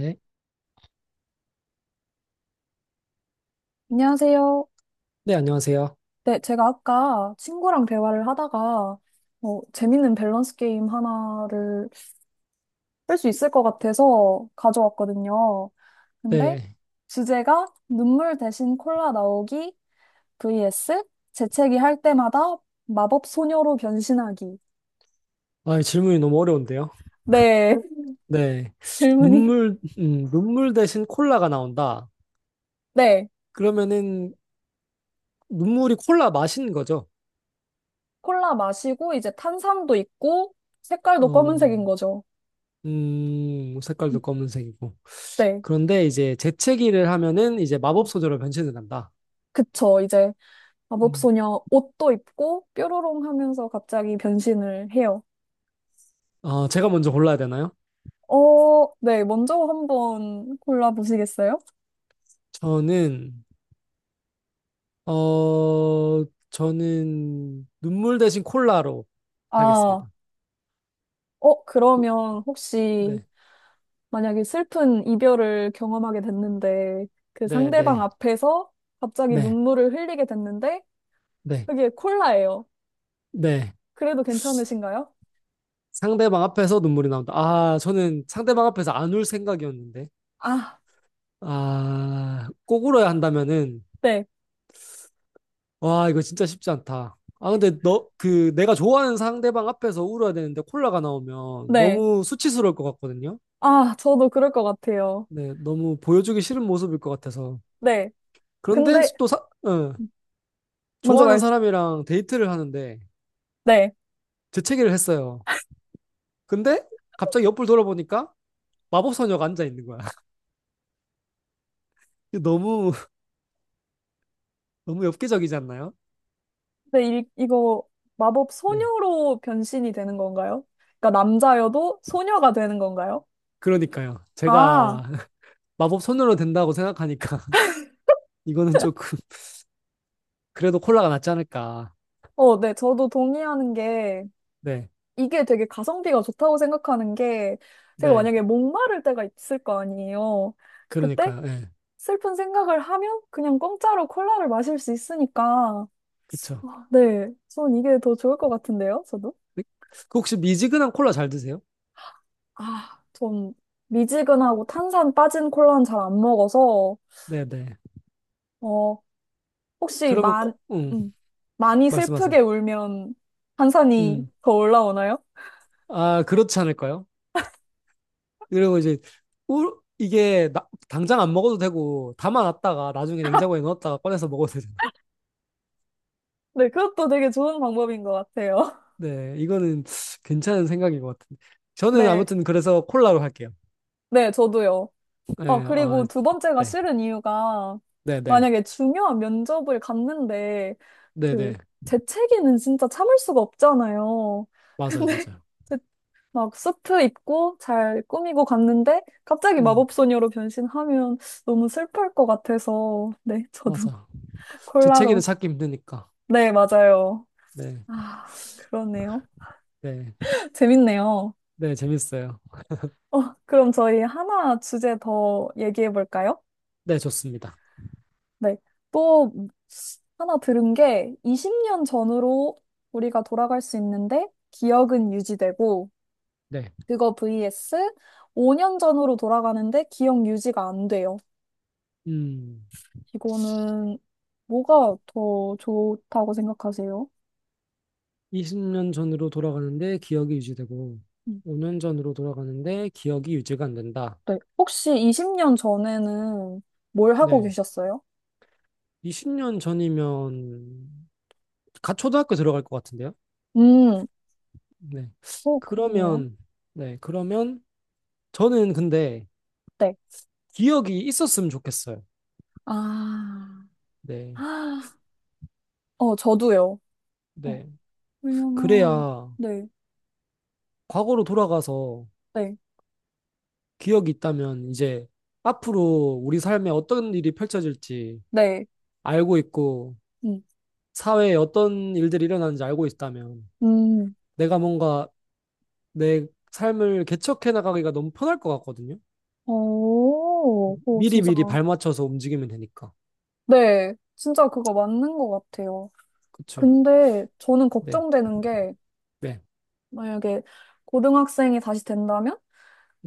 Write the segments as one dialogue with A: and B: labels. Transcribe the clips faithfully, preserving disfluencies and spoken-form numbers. A: 네.
B: 안녕하세요.
A: 네, 안녕하세요.
B: 네, 제가 아까 친구랑 대화를 하다가 어, 재밌는 밸런스 게임 하나를 할 수 있을 것 같아서 가져왔거든요. 근데
A: 네.
B: 주제가 눈물 대신 콜라 나오기 vs 재채기 할 때마다 마법 소녀로 변신하기.
A: 아, 질문이 너무 어려운데요.
B: 네,
A: 네.
B: 질문이.
A: 눈물, 음, 눈물 대신 콜라가 나온다.
B: 네,
A: 그러면은 눈물이 콜라 맛인 거죠.
B: 콜라 마시고 이제 탄산도 있고 색깔도
A: 어,
B: 검은색인 거죠.
A: 음, 색깔도 검은색이고.
B: 네,
A: 그런데 이제 재채기를 하면은 이제 마법 소재로 변신을 한다.
B: 그쵸. 이제
A: 음.
B: 마법소녀 옷도 입고 뾰로롱 하면서 갑자기 변신을 해요.
A: 어, 제가 먼저 골라야 되나요?
B: 어, 네, 먼저 한번 골라보시겠어요?
A: 저는, 어, 저는 눈물 대신 콜라로
B: 아,
A: 하겠습니다.
B: 어, 그러면 혹시
A: 네.
B: 만약에 슬픈 이별을 경험하게 됐는데 그
A: 네,
B: 상대방
A: 네.
B: 앞에서 갑자기
A: 네.
B: 눈물을 흘리게 됐는데
A: 네.
B: 그게 콜라예요.
A: 네.
B: 그래도 괜찮으신가요?
A: 상대방 앞에서 눈물이 나온다. 아, 저는 상대방 앞에서 안 울 생각이었는데.
B: 아,
A: 아, 꼭 울어야 한다면은,
B: 네,
A: 와, 이거 진짜 쉽지 않다. 아, 근데 너, 그, 내가 좋아하는 상대방 앞에서 울어야 되는데 콜라가 나오면
B: 네.
A: 너무 수치스러울 것 같거든요.
B: 아, 저도 그럴 것 같아요.
A: 네, 너무 보여주기 싫은 모습일 것 같아서.
B: 네.
A: 그런데
B: 근데
A: 또 사, 어,
B: 먼저
A: 좋아하는
B: 말,
A: 사람이랑 데이트를 하는데
B: 네.
A: 재채기를 했어요. 근데 갑자기 옆을 돌아보니까 마법소녀가 앉아 있는 거야. 너무, 너무 엽기적이지 않나요?
B: 근데 이, 이거 마법
A: 네.
B: 소녀로 변신이 되는 건가요? 그러니까 남자여도 소녀가 되는 건가요?
A: 그러니까요.
B: 아,
A: 제가 마법 손으로 된다고 생각하니까 이거는 조금 그래도 콜라가 낫지 않을까.
B: 어, 네, 저도 동의하는 게
A: 네,
B: 이게 되게 가성비가 좋다고 생각하는 게 제가
A: 네,
B: 만약에 목마를 때가 있을 거 아니에요. 그때
A: 그러니까요. 예,
B: 슬픈 생각을 하면 그냥 공짜로 콜라를 마실 수 있으니까
A: 그쵸.
B: 아, 네, 전 이게 더 좋을 것 같은데요, 저도?
A: 네? 그 혹시 미지근한 콜라 잘 드세요?
B: 아, 전 미지근하고 탄산 빠진 콜라는 잘 안 먹어서,
A: 네, 네.
B: 어, 혹시
A: 그러면
B: 만,
A: 꼭, 음,
B: 음, 많이
A: 말씀하세요.
B: 슬프게 울면 한산이
A: 음,
B: 더 올라오나요?
A: 아, 그렇지 않을까요? 그리고 이제 우, 이게 나- 당장 안 먹어도 되고 담아놨다가 나중에 냉장고에 넣었다가 꺼내서 먹어도 되잖아요.
B: 네, 그것도 되게 좋은 방법인 것 같아요.
A: 네, 이거는 괜찮은 생각인 것 같은데. 저는
B: 네,
A: 아무튼 그래서 콜라로 할게요.
B: 네, 저도요. 아,
A: 네, 아,
B: 그리고 두 번째가
A: 네,
B: 싫은 이유가
A: 네, 네.
B: 만약에 중요한 면접을 갔는데 그
A: 네네.
B: 재채기는 진짜 참을 수가 없잖아요. 근데
A: 맞아요, 맞아요.
B: 제- 막 수트 입고 잘 꾸미고 갔는데 갑자기
A: 음,
B: 마법소녀로 변신하면 너무 슬플 것 같아서 네, 저도
A: 맞아. 제 책에는
B: 콜라로.
A: 찾기 힘드니까.
B: 네, 맞아요.
A: 네,
B: 아, 그러네요.
A: 네,
B: 재밌네요.
A: 네, 재밌어요.
B: 어, 그럼 저희 하나 주제 더 얘기해 볼까요?
A: 네, 좋습니다.
B: 네. 또 하나 들은 게 이십 년 전으로 우리가 돌아갈 수 있는데 기억은 유지되고
A: 네.
B: 그거 vs 오 년 전으로 돌아가는데 기억 유지가 안 돼요.
A: 음,
B: 이거는 뭐가 더 좋다고 생각하세요?
A: 이십 년 전으로 돌아가는데 기억이 유지되고,
B: 음,
A: 오 년 전으로 돌아가는데 기억이 유지가 안 된다.
B: 네. 혹시 이십 년 전에는 뭘 하고
A: 네.
B: 계셨어요?
A: 이십 년 전이면, 갓 초등학교 들어갈 것 같은데요?
B: 음.
A: 네.
B: 오, 그렇네요.
A: 그러면, 네, 그러면, 저는 근데
B: 네.
A: 기억이 있었으면 좋겠어요.
B: 아,
A: 네,
B: 아, 어, 저도요. 어,
A: 네.
B: 왜냐면,
A: 그래야
B: 네,
A: 과거로 돌아가서
B: 네,
A: 기억이 있다면 이제 앞으로 우리 삶에 어떤 일이 펼쳐질지
B: 네,
A: 알고 있고
B: 음,
A: 사회에 어떤 일들이 일어나는지 알고 있다면
B: 음,
A: 내가 뭔가 내 삶을 개척해 나가기가 너무 편할 것 같거든요.
B: 오, 오,
A: 미리
B: 진짜,
A: 미리 발맞춰서 움직이면 되니까.
B: 네, 진짜 그거 맞는 것 같아요.
A: 그쵸?
B: 근데 저는
A: 네,
B: 걱정되는 게,
A: 네,
B: 만약에 고등학생이 다시 된다면?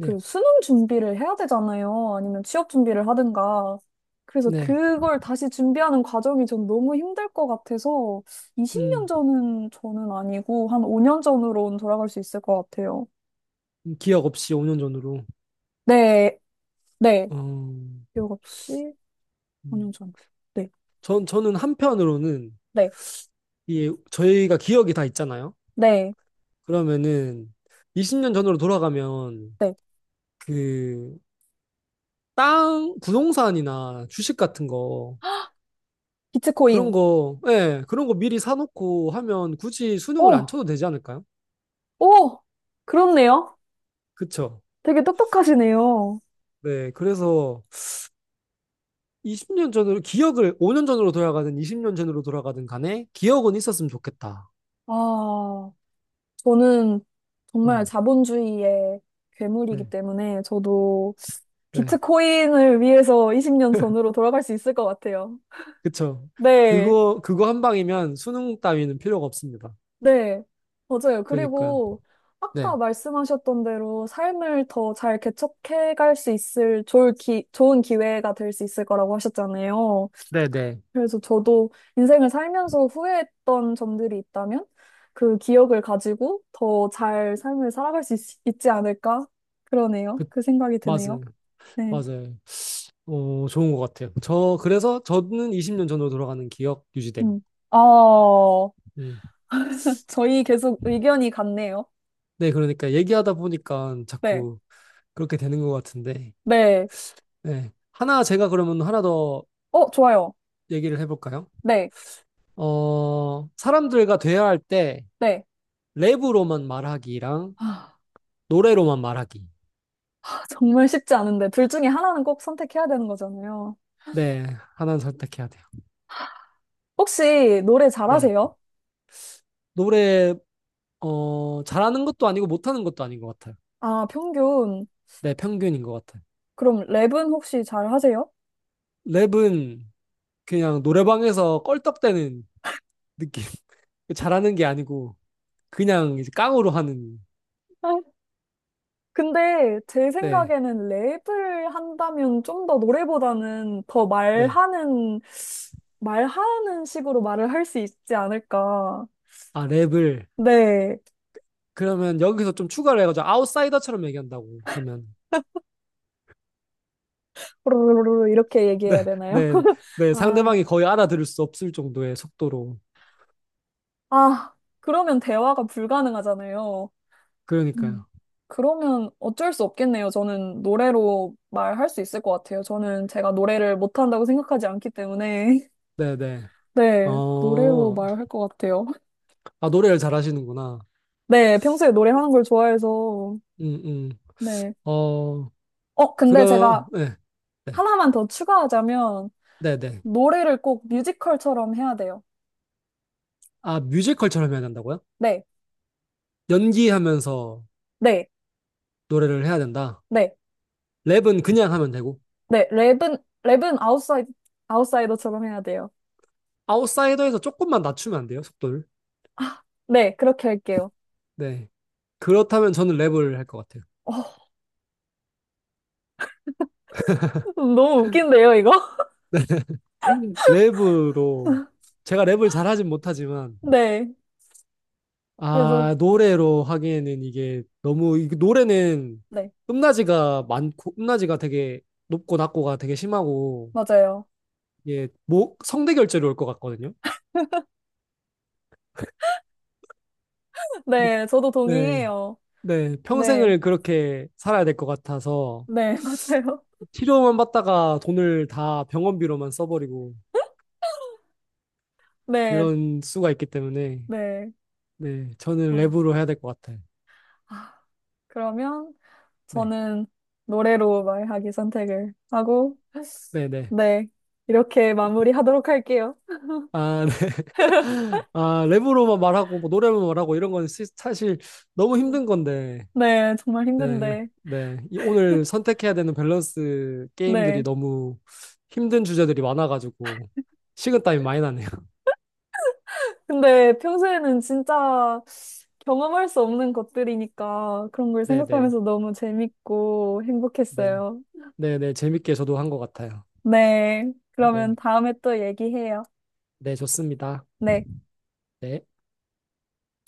B: 그 수능 준비를 해야 되잖아요. 아니면 취업 준비를 하든가. 그래서
A: 네.
B: 그걸 다시 준비하는 과정이 전 너무 힘들 것 같아서 이십 년
A: 음,
B: 전은 저는 아니고 한 오 년 전으로는 돌아갈 수 있을 것 같아요.
A: 기억 없이 오 년 전으로.
B: 네, 네.
A: 어, 음.
B: 기억 없이 오 년 전. 네,
A: 전, 저는 한편으로는
B: 네,
A: 이 저희가 기억이 다 있잖아요.
B: 네,
A: 그러면은 이십 년 전으로 돌아가면
B: 네.
A: 그 땅, 부동산이나 주식 같은 거, 그런
B: 비트코인.
A: 거, 예, 그런 거 미리 사놓고 하면 굳이 수능을
B: 오,
A: 안 쳐도 되지 않을까요?
B: 오! 그렇네요.
A: 그쵸.
B: 되게 똑똑하시네요.
A: 네, 그래서 이십 년 전으로, 기억을 오 년 전으로 돌아가든 이십 년 전으로 돌아가든 간에 기억은 있었으면 좋겠다.
B: 아. 저는 정말
A: 음,
B: 자본주의의 괴물이기
A: 네,
B: 때문에 저도
A: 네,
B: 비트코인을 위해서 이십 년 전으로 돌아갈 수 있을 것 같아요.
A: 그쵸.
B: 네,
A: 그거, 그거 한 방이면 수능 따위는 필요가 없습니다.
B: 네, 맞아요.
A: 그러니까요.
B: 그리고 아까
A: 네,
B: 말씀하셨던 대로 삶을 더 잘 개척해 갈 수 있을 좋을 기, 좋은 기회가 될 수 있을 거라고 하셨잖아요.
A: 네, 네.
B: 그래서 저도 인생을 살면서 후회했던 점들이 있다면 그 기억을 가지고 더 잘 삶을 살아갈 수 있, 있지 않을까? 그러네요.
A: 그,
B: 그 생각이 드네요.
A: 맞아요.
B: 네.
A: 맞아요. 어, 좋은 것 같아요. 저, 그래서 저는 이십 년 전으로 돌아가는 기억 유지됨.
B: 음. 아,
A: 음.
B: 저희 계속 의견이 같네요.
A: 네, 그러니까 얘기하다 보니까
B: 네.
A: 자꾸 그렇게 되는 것 같은데,
B: 네.
A: 네. 하나 제가 그러면 하나 더
B: 어, 좋아요.
A: 얘기를 해볼까요?
B: 네.
A: 어, 사람들과 대화할 때
B: 네.
A: 랩으로만 말하기랑
B: 아,
A: 노래로만 말하기.
B: 정말 쉽지 않은데. 둘 중에 하나는 꼭 선택해야 되는 거잖아요.
A: 네, 하나는 선택해야 돼요.
B: 혹시 노래
A: 네.
B: 잘하세요?
A: 노래, 어, 잘하는 것도 아니고 못하는 것도 아닌 것 같아요.
B: 아, 평균.
A: 네, 평균인 것 같아요.
B: 그럼 랩은 혹시 잘하세요?
A: 랩은 그냥 노래방에서 껄떡대는 느낌. 잘하는 게 아니고 그냥 이제 깡으로 하는,
B: 근데 제
A: 네.
B: 생각에는 랩을 한다면 좀 더 노래보다는 더
A: 네.
B: 말하는, 말하는 식으로 말을 할 수 있지 않을까.
A: 아, 랩을.
B: 네.
A: 그러면 여기서 좀 추가를 해가지고 아웃사이더처럼 얘기한다고 하면.
B: 뽀로로로로 이렇게
A: 네,
B: 얘기해야 되나요?
A: 네, 네.
B: 아,
A: 상대방이 거의 알아들을 수 없을 정도의 속도로.
B: 아, 그러면 대화가 불가능하잖아요. 음.
A: 그러니까요.
B: 그러면 어쩔 수 없겠네요. 저는 노래로 말할 수 있을 것 같아요. 저는 제가 노래를 못한다고 생각하지 않기 때문에.
A: 네, 네.
B: 네, 노래로
A: 어,
B: 말할 것 같아요.
A: 아, 노래를 잘하시는구나.
B: 네, 평소에 노래하는 걸 좋아해서,
A: 음, 음.
B: 네.
A: 어,
B: 어, 근데
A: 그럼,
B: 제가
A: 네, 네,
B: 하나만 더 추가하자면,
A: 네, 네.
B: 노래를 꼭 뮤지컬처럼 해야 돼요.
A: 아, 뮤지컬처럼 해야 된다고요?
B: 네,
A: 연기하면서
B: 네,
A: 노래를 해야 된다.
B: 네,
A: 랩은 그냥 하면 되고.
B: 네. 랩은, 랩은 아웃사이드, 아웃사이더처럼 해야 돼요.
A: 아웃사이더에서 조금만 낮추면 안 돼요, 속도를.
B: 네, 그렇게 할게요.
A: 네. 그렇다면 저는 랩을 할 것 같아요.
B: 어, 너무 웃긴데요, 이거?
A: 랩으로 제가 랩을 잘하진 못하지만
B: 네, 그래도,
A: 아 노래로 하기에는 이게 너무 이 노래는
B: 네,
A: 음낮이가 많고 음낮이가 되게 높고 낮고가 되게 심하고
B: 맞아요.
A: 이게 목 성대 결절이 올 것 같거든요.
B: 네, 저도
A: 네.
B: 동의해요.
A: 네,
B: 네,
A: 평생을 그렇게 살아야 될 것 같아서
B: 네, 맞아요.
A: 치료만 받다가 돈을 다 병원비로만 써버리고
B: 네,
A: 그런 수가 있기 때문에
B: 네.
A: 네, 저는
B: 어,
A: 랩으로 해야 될 것 같아요.
B: 아, 그러면,
A: 네,
B: 저는 노래로 말하기 선택을 하고,
A: 네, 네.
B: 네. 이렇게 마무리하도록 할게요.
A: 아, 네. 아, 랩으로만 말하고, 뭐, 노래만 말하고, 이런 건 시- 사실 너무 힘든 건데,
B: 네, 정말
A: 네,
B: 힘든데.
A: 네. 이 오늘 선택해야 되는 밸런스 게임들이
B: 네.
A: 너무 힘든 주제들이 많아가지고, 식은땀이 많이 나네요.
B: 근데 평소에는 진짜 경험할 수 없는 것들이니까 그런 걸
A: 네, 네,
B: 생각하면서 너무 재밌고
A: 네.
B: 행복했어요.
A: 네, 네. 재밌게 저도 한 것 같아요.
B: 네. 그러면
A: 네,
B: 다음에 또 얘기해요.
A: 네, 좋습니다.
B: 네.
A: 네.